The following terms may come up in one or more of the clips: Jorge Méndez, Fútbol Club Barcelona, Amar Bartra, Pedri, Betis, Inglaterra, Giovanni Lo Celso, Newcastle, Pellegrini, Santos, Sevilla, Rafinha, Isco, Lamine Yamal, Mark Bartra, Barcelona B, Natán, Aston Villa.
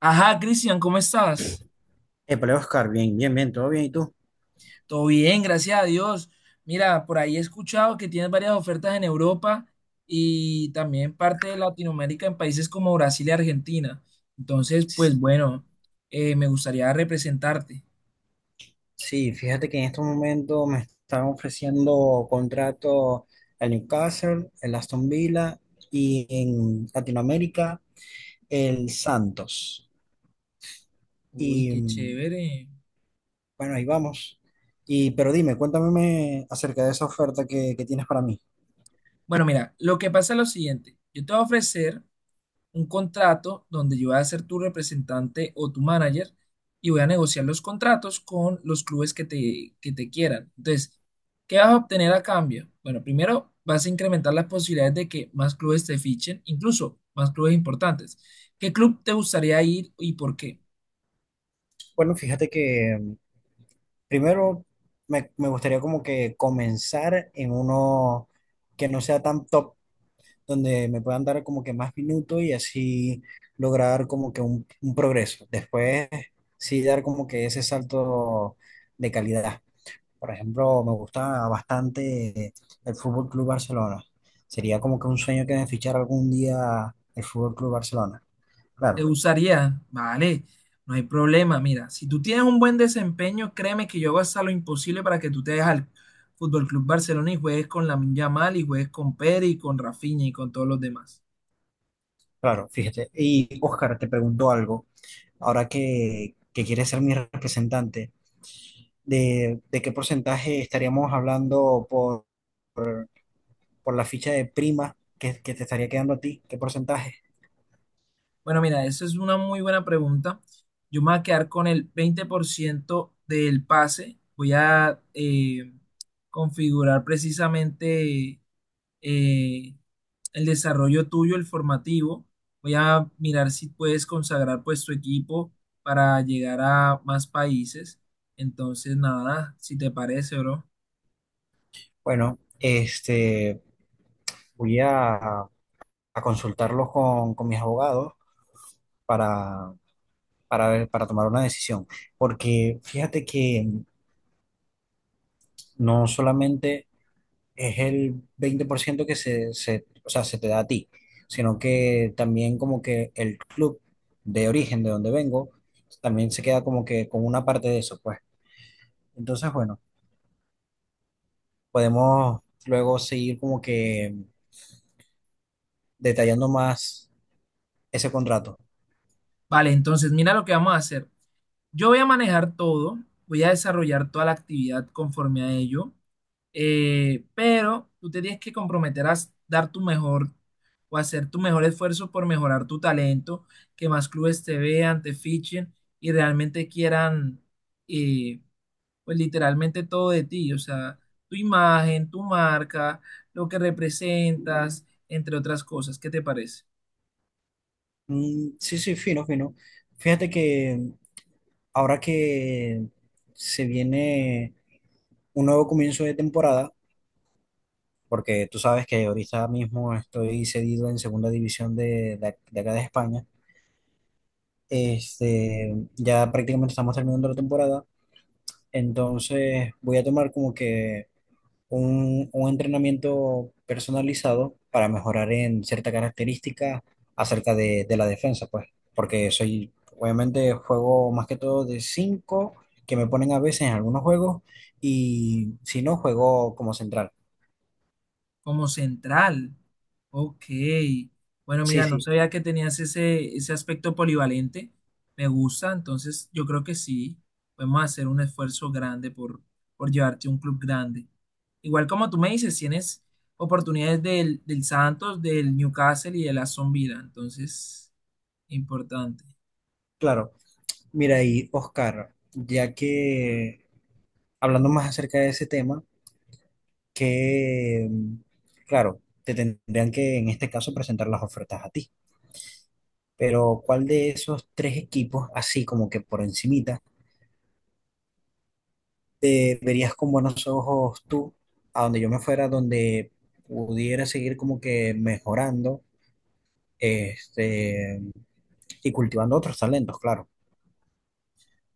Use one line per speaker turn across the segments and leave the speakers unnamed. Ajá, Cristian, ¿cómo estás?
Épale, Oscar, bien, bien, bien, todo bien, ¿y tú?
Todo bien, gracias a Dios. Mira, por ahí he escuchado que tienes varias ofertas en Europa y también parte de Latinoamérica en países como Brasil y Argentina. Entonces, pues bueno, me gustaría representarte.
Sí, fíjate que en estos momentos me están ofreciendo contrato el Newcastle, el Aston Villa y en Latinoamérica el Santos.
Uy,
Y
qué
mm,
chévere.
bueno, ahí vamos. Pero dime, acerca de esa oferta que tienes para mí.
Bueno, mira, lo que pasa es lo siguiente. Yo te voy a ofrecer un contrato donde yo voy a ser tu representante o tu manager y voy a negociar los contratos con los clubes que te quieran. Entonces, ¿qué vas a obtener a cambio? Bueno, primero vas a incrementar las posibilidades de que más clubes te fichen, incluso más clubes importantes. ¿Qué club te gustaría ir y por qué?
Bueno, fíjate que primero me gustaría como que comenzar en uno que no sea tan top, donde me puedan dar como que más minutos, y así lograr como que un progreso. Después sí dar como que ese salto de calidad. Por ejemplo, me gusta bastante el Fútbol Club Barcelona. Sería como que un sueño que me fichara algún día el Fútbol Club Barcelona.
Te
Claro,
usaría, vale, no hay problema. Mira, si tú tienes un buen desempeño, créeme que yo hago hasta lo imposible para que tú te dejes al Fútbol Club Barcelona y juegues con Lamine Yamal y juegues con Pedri y con Rafinha y con todos los demás.
claro, fíjate. Y Óscar, te pregunto algo. Ahora que quieres ser mi representante, de qué porcentaje estaríamos hablando por la ficha de prima que te estaría quedando a ti? ¿Qué porcentaje?
Bueno, mira, esa es una muy buena pregunta. Yo me voy a quedar con el 20% del pase. Voy a configurar precisamente, eh, el desarrollo tuyo, el formativo. Voy a mirar si puedes consagrar pues tu equipo para llegar a más países. Entonces, nada, si te parece, bro.
Bueno, este, voy a consultarlo con mis abogados para, para tomar una decisión, porque fíjate que no solamente es el 20% que o sea, se te da a ti, sino que también como que el club de origen de donde vengo, también se queda como que con una parte de eso, pues. Entonces, bueno, podemos luego seguir como que detallando más ese contrato.
Vale, entonces mira lo que vamos a hacer. Yo voy a manejar todo, voy a desarrollar toda la actividad conforme a ello, pero tú te tienes que comprometer a dar tu mejor o hacer tu mejor esfuerzo por mejorar tu talento, que más clubes te vean, te fichen y realmente quieran, eh, pues literalmente todo de ti, o sea, tu imagen, tu marca, lo que representas, entre otras cosas. ¿Qué te parece?
Sí, sí, fino, fino. Fíjate que ahora que se viene un nuevo comienzo de temporada, porque tú sabes que ahorita mismo estoy cedido en segunda división de acá de España. Este, ya prácticamente estamos terminando la temporada, entonces voy a tomar como que un entrenamiento personalizado para mejorar en cierta característica acerca de la defensa, pues, porque soy, obviamente, juego más que todo de 5, que me ponen a veces en algunos juegos, y si no, juego como central.
Como central. Ok. Bueno,
Sí,
mira, no
sí,
sabía que tenías ese aspecto polivalente. Me gusta, entonces yo creo que sí. Podemos hacer un esfuerzo grande por llevarte a un club grande. Igual como tú me dices, tienes oportunidades del Santos, del Newcastle y del Aston Villa. Entonces, importante.
claro. Mira, y Oscar, ya que hablando más acerca de ese tema, que, claro, te tendrían que en este caso presentar las ofertas a ti. Pero ¿cuál de esos tres equipos, así como que por encimita, te verías con buenos ojos tú, a donde yo me fuera, donde pudiera seguir como que mejorando, este, y cultivando otros talentos? Claro.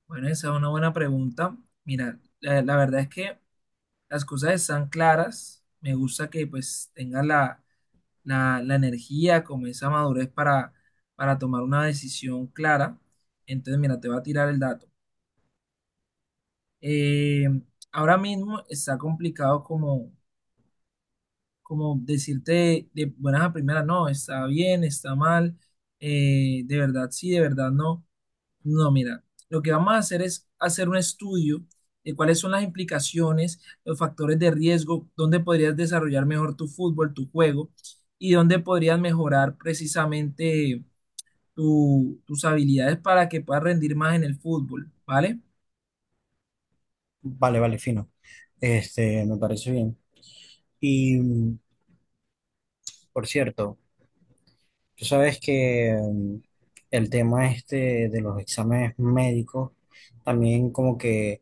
Bueno, esa es una buena pregunta. Mira, la verdad es que las cosas están claras. Me gusta que pues tengas la la energía, como esa madurez para tomar una decisión clara. Entonces, mira, te voy a tirar el dato. Eh, Ahora mismo está complicado como decirte de buenas a primeras, no, está bien, está mal, de verdad sí, de verdad no. No, mira, lo que vamos a hacer es hacer un estudio de cuáles son las implicaciones, los factores de riesgo, dónde podrías desarrollar mejor tu fútbol, tu juego, y dónde podrías mejorar precisamente tus habilidades para que puedas rendir más en el fútbol, ¿vale?
Vale, vale, fino. Este, me parece bien. Y mm, por cierto, tú sabes que el tema este de los exámenes médicos también como que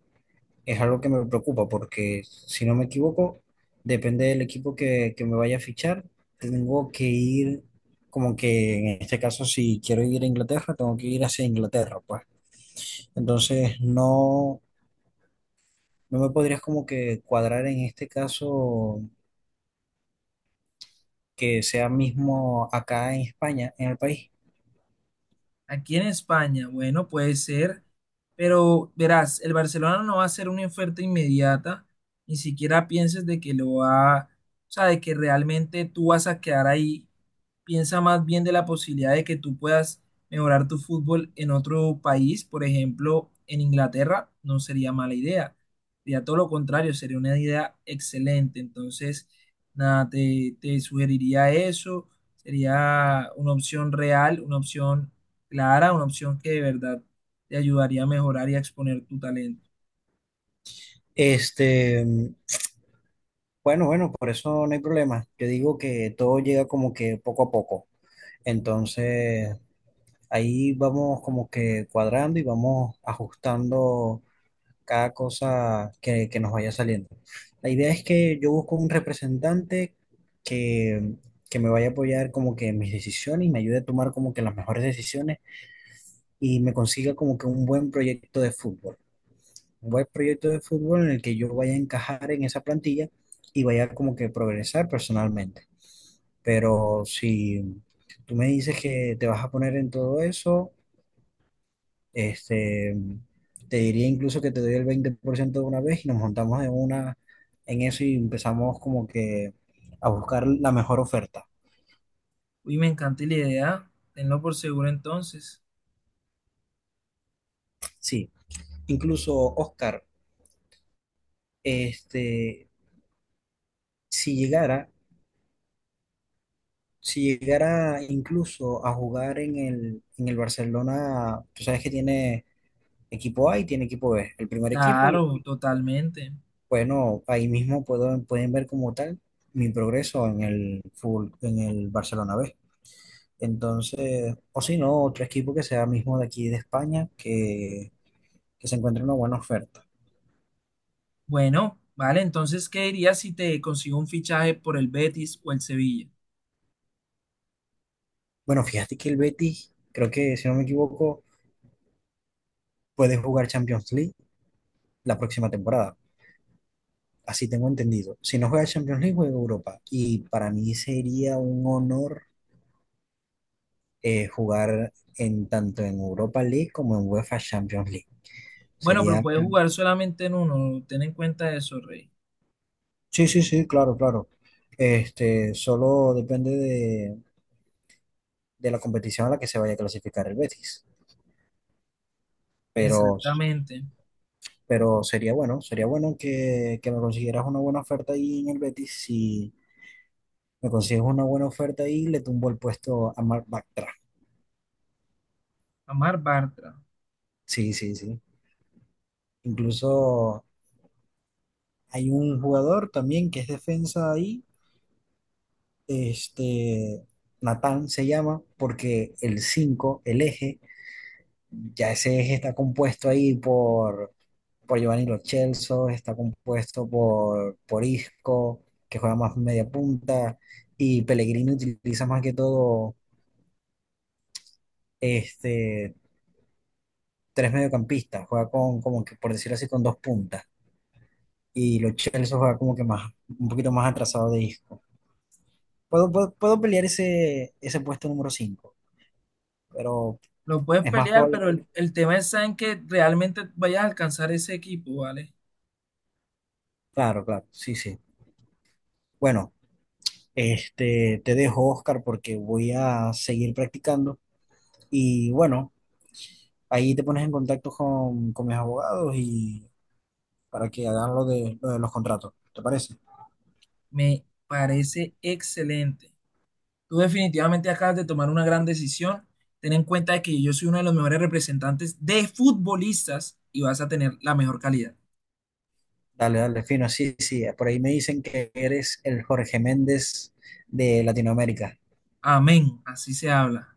es algo que me preocupa porque, si no me equivoco, depende del equipo que me vaya a fichar, tengo que ir, como que en este caso, si quiero ir a Inglaterra, tengo que ir hacia Inglaterra, pues. Entonces, no, no me podrías como que cuadrar en este caso que sea mismo acá en España, en el país.
Aquí en España, bueno, puede ser, pero verás, el Barcelona no va a hacer una oferta inmediata, ni siquiera pienses de que lo va, o sea, de que realmente tú vas a quedar ahí, piensa más bien de la posibilidad de que tú puedas mejorar tu fútbol en otro país, por ejemplo, en Inglaterra, no sería mala idea. Sería todo lo contrario, sería una idea excelente. Entonces, nada, te sugeriría eso. Sería una opción real, una opción clara, una opción que de verdad te ayudaría a mejorar y a exponer tu talento.
Este, bueno, bueno, por eso no hay problema. Yo digo que todo llega como que poco a poco. Entonces, ahí vamos como que cuadrando y vamos ajustando cada cosa que nos vaya saliendo. La idea es que yo busco un representante que, que me vaya a apoyar como que en mis decisiones y me ayude a tomar como que las mejores decisiones y me consiga como que un buen proyecto de fútbol. Un buen proyecto de fútbol en el que yo vaya a encajar en esa plantilla y vaya como que progresar personalmente. Pero si tú me dices que te vas a poner en todo eso, este, te diría incluso que te doy el 20% de una vez y nos montamos en una, en eso, y empezamos como que a buscar la mejor oferta.
Uy, me encanta la idea. Tenlo por seguro entonces.
Sí, incluso Oscar, este, si llegara, si llegara incluso a jugar en en el Barcelona, tú sabes que tiene equipo A y tiene equipo B, el primer equipo, y
Claro, totalmente.
bueno, ahí mismo puedo, pueden ver como tal mi progreso en el full, en el Barcelona B. Entonces, o si no, otro equipo que sea mismo de aquí de España, que se encuentre una buena oferta.
Bueno, vale, entonces, ¿qué dirías si te consigo un fichaje por el Betis o el Sevilla?
Bueno, fíjate que el Betis, creo que si no me equivoco, puede jugar Champions League la próxima temporada. Así tengo entendido. Si no juega Champions League, juega Europa. Y para mí sería un honor, jugar en tanto en Europa League como en UEFA Champions League.
Bueno, pero
Sería...
puedes jugar solamente en uno, ten en cuenta eso, Rey.
Sí, sí, sí, claro, claro. Este, solo depende de la competición a la que se vaya a clasificar el Betis. pero,
Exactamente.
pero sería bueno que me consiguieras una buena oferta ahí en el Betis. Si me consigues una buena oferta ahí, le tumbo el puesto a Mark Bartra.
Amar Bartra.
Sí, sí, sí. Incluso hay un jugador también que es defensa ahí, este, Natán se llama, porque el 5, el eje, ya ese eje está compuesto ahí por Giovanni Lo Celso, está compuesto por Isco, que juega más media punta, y Pellegrini utiliza más que todo, este, tres mediocampistas, juega con, como que, por decirlo así, con dos puntas, y Lo Celso juega como que más, un poquito más atrasado de Isco. Puedo pelear ese puesto número 5, pero
Lo puedes
es más
pelear,
probable
pero
que...
el tema es en que realmente vayas a alcanzar ese equipo, ¿vale?
Claro, claro, sí, sí. Bueno, este, te dejo, Oscar, porque voy a seguir practicando. Y bueno, ahí te pones en contacto con mis abogados y para que hagan lo lo de los contratos. ¿Te parece?
Me parece excelente. Tú definitivamente acabas de tomar una gran decisión. Ten en cuenta de que yo soy uno de los mejores representantes de futbolistas y vas a tener la mejor calidad.
Dale, dale, fino. Sí, sí. Por ahí me dicen que eres el Jorge Méndez de Latinoamérica.
Amén, así se habla.